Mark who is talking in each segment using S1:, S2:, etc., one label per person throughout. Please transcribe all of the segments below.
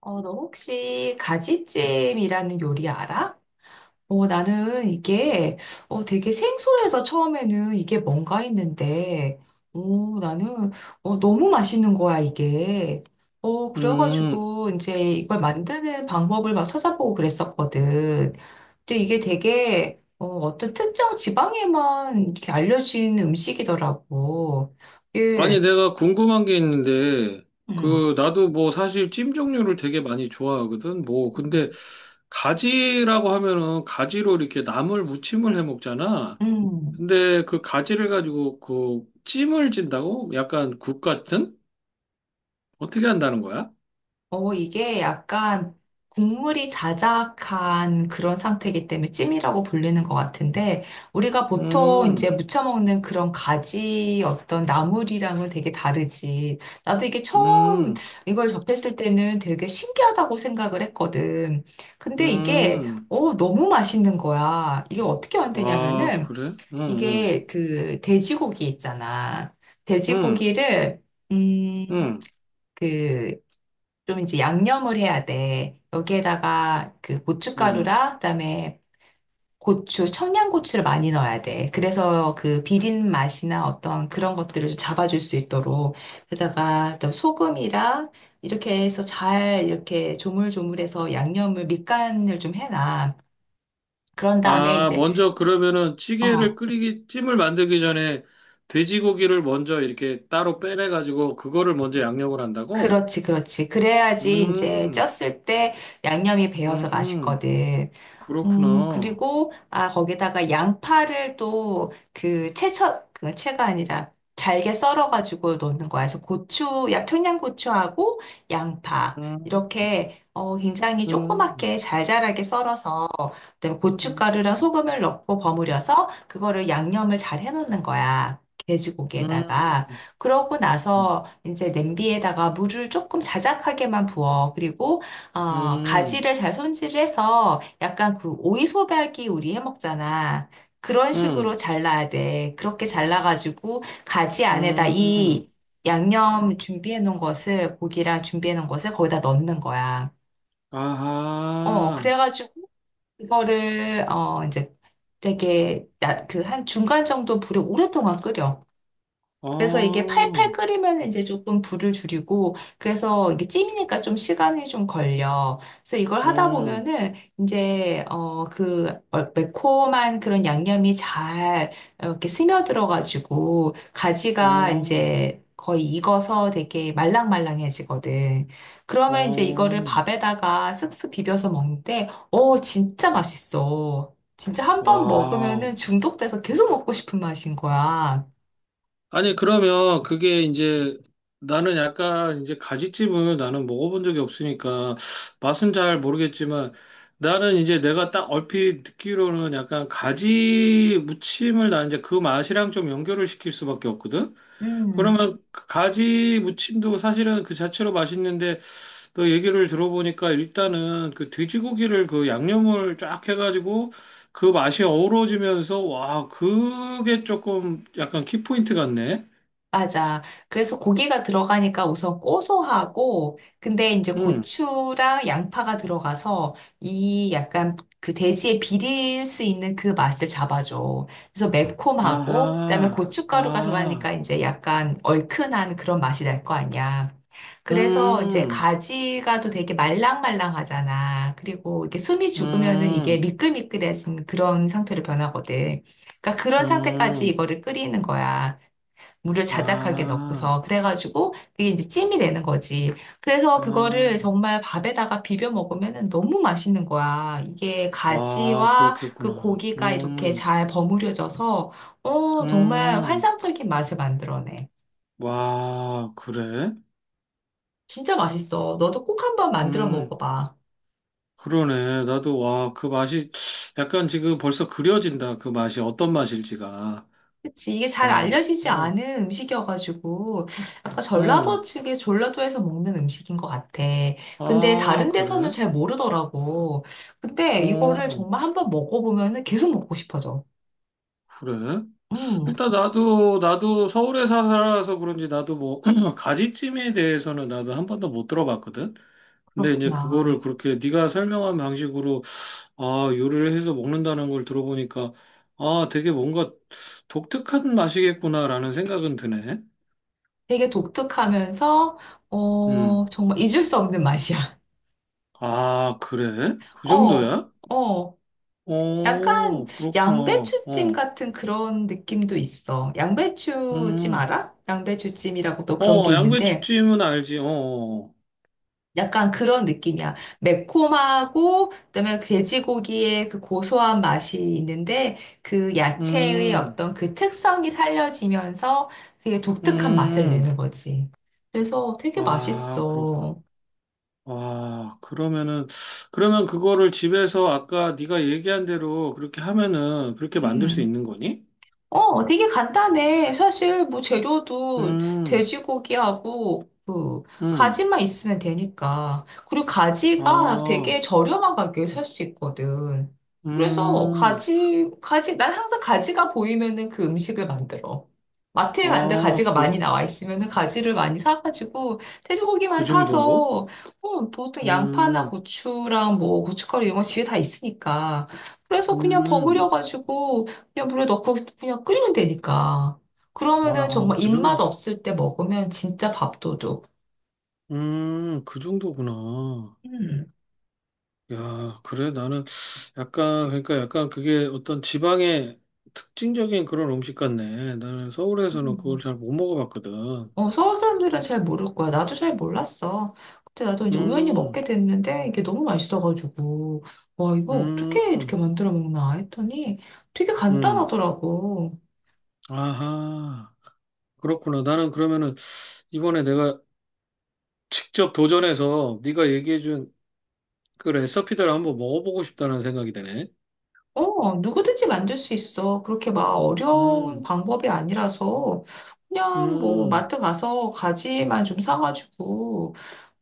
S1: 너 혹시 가지찜이라는 요리 알아? 나는 이게 되게 생소해서 처음에는 이게 뭔가 했는데, 나는 너무 맛있는 거야, 이게.
S2: 음,
S1: 그래가지고 이제 이걸 만드는 방법을 막 찾아보고 그랬었거든. 근데 이게 되게 어떤 특정 지방에만 이렇게 알려진 음식이더라고.
S2: 아니,
S1: 예.
S2: 내가 궁금한 게 있는데,
S1: 음.
S2: 그, 나도 뭐 사실 찜 종류를 되게 많이 좋아하거든. 뭐,
S1: 음.
S2: 근데 가지라고 하면은 가지로 이렇게 나물 무침을 해 먹잖아.
S1: 음.
S2: 근데 그 가지를 가지고 그 찜을 진다고? 약간 국 같은? 어떻게 한다는 거야?
S1: 이게 약간 국물이 자작한 그런 상태이기 때문에 찜이라고 불리는 것 같은데, 우리가 보통 이제
S2: 음,
S1: 무쳐 먹는 그런 가지 어떤 나물이랑은 되게 다르지. 나도 이게 처음
S2: 음,
S1: 이걸 접했을 때는 되게 신기하다고 생각을 했거든. 근데 이게,
S2: 음.
S1: 너무 맛있는 거야. 이게 어떻게
S2: 아,
S1: 만드냐면은,
S2: 그래? 응, 응,
S1: 이게 그 돼지고기 있잖아.
S2: 응,
S1: 돼지고기를, 음,
S2: 응,
S1: 그, 좀 이제 양념을 해야 돼. 여기에다가 그
S2: 음
S1: 고춧가루랑 그다음에 고추, 청양고추를 많이 넣어야 돼. 그래서 그 비린 맛이나 어떤 그런 것들을 좀 잡아줄 수 있도록. 게다가 또 소금이랑 이렇게 해서 잘 이렇게 조물조물해서 양념을 밑간을 좀 해놔. 그런 다음에
S2: 아,
S1: 이제
S2: 먼저 그러면은 찌개를
S1: 어
S2: 끓이기, 찜을 만들기 전에 돼지고기를 먼저 이렇게 따로 빼내가지고 그거를 먼저 양념을 한다고?
S1: 그렇지, 그렇지. 그래야지 이제
S2: 음,
S1: 쪘을 때 양념이 배어서
S2: 음,
S1: 맛있거든.
S2: 그렇구나.
S1: 그리고, 아, 거기다가 양파를 또 그 채쳐, 그 채가 아니라 잘게 썰어가지고 넣는 거야. 그래서 고추, 약 청양고추하고 양파.
S2: 음,
S1: 이렇게, 굉장히
S2: 음,
S1: 조그맣게 잘 자라게 썰어서, 그다음에
S2: 음,
S1: 고춧가루랑 소금을 넣고 버무려서 그거를 양념을 잘 해놓는 거야. 돼지고기에다가.
S2: 음,
S1: 그러고 나서 이제 냄비에다가 물을 조금 자작하게만 부어. 그리고
S2: 음,
S1: 가지를 잘 손질해서 약간 그 오이소박이 우리 해 먹잖아. 그런 식으로
S2: 음,
S1: 잘라야 돼. 그렇게 잘라가지고 가지 안에다 이
S2: 음,
S1: 양념 준비해 놓은 것을 고기랑 준비해 놓은 것을 거기다 넣는 거야.
S2: 아하,
S1: 그래가지고 이거를 이제 되게 그 한 중간 정도 불에 오랫동안 끓여. 그래서 이게 팔팔
S2: 어,
S1: 끓이면 이제 조금 불을 줄이고, 그래서 이게 찜이니까 좀 시간이 좀 걸려. 그래서 이걸 하다
S2: 음,
S1: 보면은 이제, 그 매콤한 그런 양념이 잘 이렇게 스며들어가지고, 가지가
S2: 어,
S1: 이제 거의 익어서 되게 말랑말랑해지거든. 그러면 이제 이거를
S2: 어,
S1: 밥에다가 쓱쓱 비벼서 먹는데, 진짜 맛있어. 진짜 한번
S2: 와우.
S1: 먹으면은 중독돼서 계속 먹고 싶은 맛인 거야.
S2: 아니, 그러면 그게 이제 나는 약간 이제 가지찜을 나는 먹어본 적이 없으니까 맛은 잘 모르겠지만 나는 이제 내가 딱 얼핏 듣기로는 약간 가지 무침을 나 이제 그 맛이랑 좀 연결을 시킬 수밖에 없거든?
S1: 음.
S2: 그러면 그 가지 무침도 사실은 그 자체로 맛있는데 너 얘기를 들어보니까 일단은 그 돼지고기를 그 양념을 쫙 해가지고 그 맛이 어우러지면서 와, 그게 조금 약간 키포인트 같네.
S1: 맞아. 그래서 고기가 들어가니까 우선 고소하고, 근데 이제
S2: 음,
S1: 고추랑 양파가 들어가서 이 약간 그 돼지의 비릴 수 있는 그 맛을 잡아줘. 그래서 매콤하고, 그다음에
S2: 아하,
S1: 고춧가루가 들어가니까
S2: 아,
S1: 이제 약간 얼큰한 그런 맛이 날 거 아니야. 그래서 이제
S2: 음,
S1: 가지가도 되게 말랑말랑하잖아. 그리고 이게 숨이 죽으면은 이게
S2: 음,
S1: 미끌미끌해진 그런 상태로 변하거든. 그러니까 그런 상태까지
S2: 음,
S1: 이거를 끓이는 거야. 물을 자작하게
S2: 아,
S1: 넣고서 그래가지고 그게 이제 찜이 되는 거지. 그래서 그거를
S2: 아,
S1: 정말 밥에다가 비벼 먹으면 너무 맛있는 거야. 이게
S2: 아,
S1: 가지와 그
S2: 그렇겠구나.
S1: 고기가 이렇게 잘 버무려져서 어 정말
S2: 음,
S1: 환상적인 맛을 만들어내.
S2: 와, 그래?
S1: 진짜 맛있어. 너도 꼭 한번 만들어
S2: 음,
S1: 먹어봐.
S2: 그러네. 나도, 와, 그 맛이, 약간 지금 벌써 그려진다. 그 맛이 어떤 맛일지가.
S1: 그치. 이게
S2: 아,
S1: 잘 알려지지
S2: 어,
S1: 않은 음식이어가지고, 약간 전라도
S2: 어,
S1: 측에 전라도에서 먹는 음식인 것 같아. 근데
S2: 아,
S1: 다른 데서는
S2: 그래?
S1: 잘 모르더라고. 근데 이거를
S2: 어,
S1: 정말 한번 먹어보면은 계속 먹고 싶어져.
S2: 그래?
S1: 음,
S2: 일단 나도 서울에 살아서 그런지 나도 뭐 가지찜에 대해서는 나도 한 번도 못 들어봤거든. 근데 이제 그거를
S1: 그렇구나.
S2: 그렇게 네가 설명한 방식으로 아 요리를 해서 먹는다는 걸 들어보니까 아 되게 뭔가 독특한 맛이겠구나라는 생각은 드네.
S1: 되게 독특하면서,
S2: 음.
S1: 정말 잊을 수 없는 맛이야.
S2: 아 그래? 그
S1: 어,
S2: 정도야?
S1: 어. 약간
S2: 어 그렇구나.
S1: 양배추찜
S2: 어.
S1: 같은 그런 느낌도 있어. 양배추찜
S2: 음.
S1: 알아? 양배추찜이라고 또 그런 게
S2: 어
S1: 있는데,
S2: 양배추찜은 알지. 어. 어.
S1: 약간 그런 느낌이야. 매콤하고, 그다음에 돼지고기의 그 고소한 맛이 있는데, 그
S2: 어.
S1: 야채의
S2: 음.
S1: 어떤 그 특성이 살려지면서 되게 독특한 맛을
S2: 음.
S1: 내는 거지. 그래서 되게
S2: 아, 그렇구나.
S1: 맛있어.
S2: 아, 그러면은, 그러면 그거를 집에서 아까 네가 얘기한 대로 그렇게 하면은 그렇게 만들 수
S1: 음.
S2: 있는 거니?
S1: 되게 간단해. 사실 뭐 재료도
S2: 음,
S1: 돼지고기하고 그
S2: 음,
S1: 가지만 있으면 되니까. 그리고 가지가 되게
S2: 아,
S1: 저렴한 가격에 살 수 있거든. 그래서
S2: 음,
S1: 난 항상 가지가 보이면은 그 음식을 만들어. 마트에 가는데
S2: 아,
S1: 가지가
S2: 그,
S1: 많이 나와 있으면은 가지를 많이 사가지고 돼지고기만
S2: 그 정도로?
S1: 사서 보통 양파나
S2: 음,
S1: 고추랑 뭐 고춧가루 이런 거 집에 다 있으니까. 그래서 그냥
S2: 음,
S1: 버무려가지고 그냥 물에 넣고 그냥 끓이면 되니까. 그러면은
S2: 와,
S1: 정말
S2: 그
S1: 입맛
S2: 정도,
S1: 없을 때 먹으면 진짜 밥도둑.
S2: 그 정도구나.
S1: 음.
S2: 야, 그래, 나는 약간, 그러니까 약간 그게 어떤 지방의 특징적인 그런 음식 같네. 나는 서울에서는 그걸
S1: 음.
S2: 잘 못 먹어봤거든.
S1: 서울 사람들은 잘 모를 거야. 나도 잘 몰랐어. 그때 나도 이제 우연히
S2: 음.
S1: 먹게 됐는데 이게 너무 맛있어가지고 와 이거 어떻게
S2: 음,
S1: 이렇게 만들어 먹나 했더니 되게
S2: 음,
S1: 간단하더라고.
S2: 아하, 그렇구나. 나는 그러면은 이번에 내가 직접 도전해서 네가 얘기해준 그 레시피대로 한번 먹어보고 싶다는 생각이 드네.
S1: 누구든지 만들 수 있어. 그렇게 막 어려운
S2: 음,
S1: 방법이 아니라서 그냥 뭐
S2: 음,
S1: 마트 가서 가지만 좀 사가지고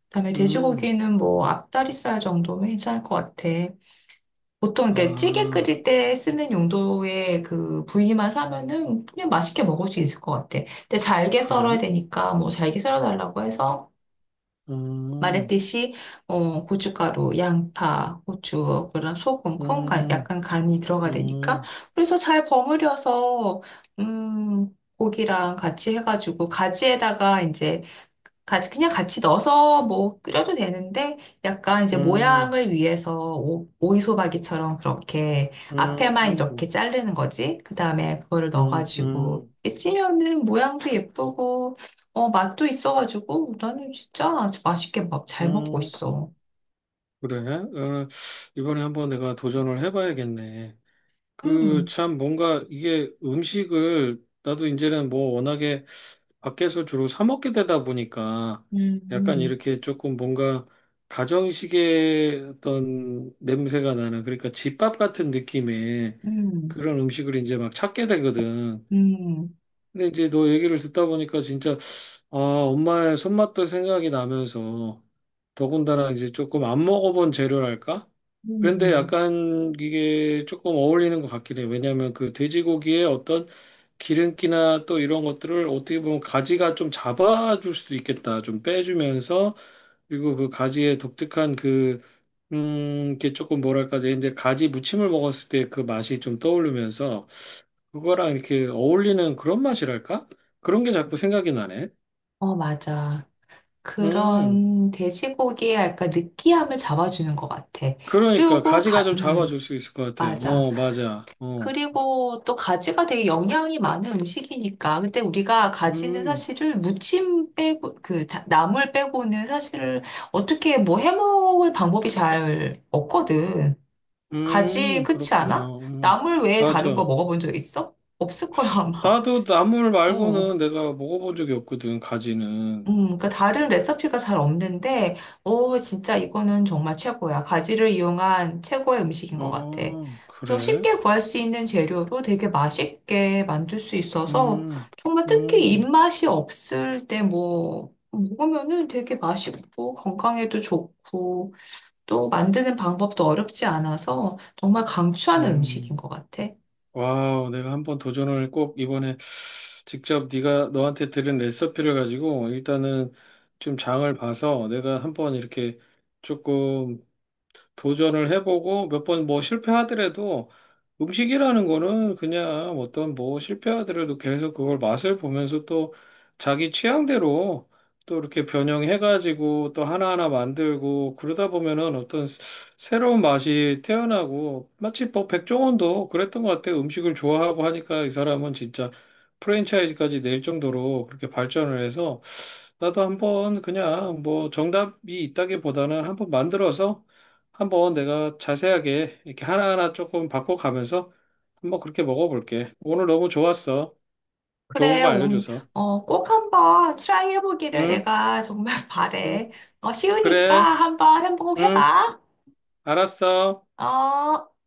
S1: 그다음에
S2: 음,
S1: 돼지고기는 뭐 앞다리살 정도면 괜찮을 것 같아. 보통 이렇게 찌개
S2: 아,
S1: 끓일 때 쓰는 용도의 그 부위만 사면은 그냥 맛있게 먹을 수 있을 것 같아. 근데 잘게 썰어야
S2: 그래?
S1: 되니까 뭐 잘게 썰어달라고 해서
S2: 음,
S1: 말했듯이 고춧가루, 양파, 고추, 그런 소금, 콩, 간,
S2: 음,
S1: 약간 간이 들어가 되니까
S2: 음,
S1: 그래서 잘 버무려서 음, 고기랑 같이 해가지고 가지에다가 이제 같이 넣어서 뭐 끓여도 되는데 약간 이제
S2: 음,
S1: 모양을 위해서 오이소박이처럼 그렇게
S2: 음,
S1: 앞에만 이렇게 자르는 거지. 그다음에 그거를
S2: 음,
S1: 넣어가지고
S2: 음,
S1: 이렇게 찌면은 모양도 예쁘고 어 맛도 있어가지고 나는 진짜 맛있게 막 잘 먹고
S2: 음,
S1: 있어.
S2: 그래? 어, 이번에 한번 내가 도전을 해봐야겠네. 그
S1: 음,
S2: 참 뭔가 이게 음식을 나도 이제는 뭐 워낙에 밖에서 주로 사 먹게 되다 보니까
S1: 음,
S2: 약간
S1: 음,
S2: 이렇게 조금 뭔가 가정식의 어떤 냄새가 나는 그러니까 집밥 같은 느낌의
S1: 음,
S2: 그런 음식을 이제 막 찾게 되거든.
S1: 음,
S2: 근데 이제 너 얘기를 듣다 보니까 진짜 아, 엄마의 손맛도 생각이 나면서 더군다나 이제 조금 안 먹어본 재료랄까? 그런데
S1: 음.
S2: 약간 이게 조금 어울리는 것 같긴 해. 왜냐하면 그 돼지고기의 어떤 기름기나 또 이런 것들을 어떻게 보면 가지가 좀 잡아줄 수도 있겠다. 좀 빼주면서 그리고 그 가지의 독특한 그, 이게 조금 뭐랄까, 이제 가지 무침을 먹었을 때 그 맛이 좀 떠오르면서 그거랑 이렇게 어울리는 그런 맛이랄까? 그런 게 자꾸 생각이 나네.
S1: 어 맞아.
S2: 음,
S1: 그런 돼지고기의 약간 느끼함을 잡아주는 것 같아.
S2: 그러니까
S1: 그리고
S2: 가지가
S1: 가,
S2: 좀 작아질 수 있을 것 같아.
S1: 맞아.
S2: 어, 맞아. 어,
S1: 그리고 또 가지가 되게 영양이 많은 음식이니까. 근데 우리가 가지는
S2: 음,
S1: 사실을 무침 빼고, 그, 나물 빼고는 사실을 어떻게 뭐 해먹을 방법이 잘 없거든. 가지, 그렇지 않아?
S2: 그렇구나.
S1: 나물 외에 다른 거
S2: 맞아.
S1: 먹어본 적 있어? 없을 거야, 아마.
S2: 나도 나물
S1: 어.
S2: 말고는 내가 먹어본 적이 없거든, 가지는.
S1: 그러니까 다른 레시피가 잘 없는데, 오, 진짜 이거는 정말 최고야. 가지를 이용한 최고의 음식인 것 같아.
S2: 아,
S1: 저
S2: 그래?
S1: 쉽게 구할 수 있는 재료로 되게 맛있게 만들 수 있어서,
S2: 음,
S1: 정말 특히
S2: 음,
S1: 입맛이 없을 때 뭐, 먹으면은 되게 맛있고, 건강에도 좋고, 또 만드는 방법도 어렵지 않아서, 정말 강추하는
S2: 음.
S1: 음식인 것 같아.
S2: 와우, 내가 한번 도전을 꼭 이번에 직접 네가 너한테 들은 레시피를 가지고 일단은 좀 장을 봐서 내가 한번 이렇게 조금 도전을 해보고 몇 번 뭐 실패하더라도 음식이라는 거는 그냥 어떤 뭐 실패하더라도 계속 그걸 맛을 보면서 또 자기 취향대로 또 이렇게 변형해가지고 또 하나하나 만들고 그러다 보면은 어떤 새로운 맛이 태어나고 마치 뭐 백종원도 그랬던 것 같아요. 음식을 좋아하고 하니까 이 사람은 진짜 프랜차이즈까지 낼 정도로 그렇게 발전을 해서 나도 한번 그냥 뭐 정답이 있다기보다는 한번 만들어서 한번 내가 자세하게 이렇게 하나하나 조금 바꿔가면서 한번 그렇게 먹어볼게. 오늘 너무 좋았어. 좋은
S1: 그래,
S2: 거 알려줘서.
S1: 꼭 한번 트라이 해보기를
S2: 응,
S1: 내가 정말
S2: 응,
S1: 바래. 쉬우니까
S2: 그래,
S1: 한번
S2: 응,
S1: 행복해봐.
S2: 알았어.
S1: 어.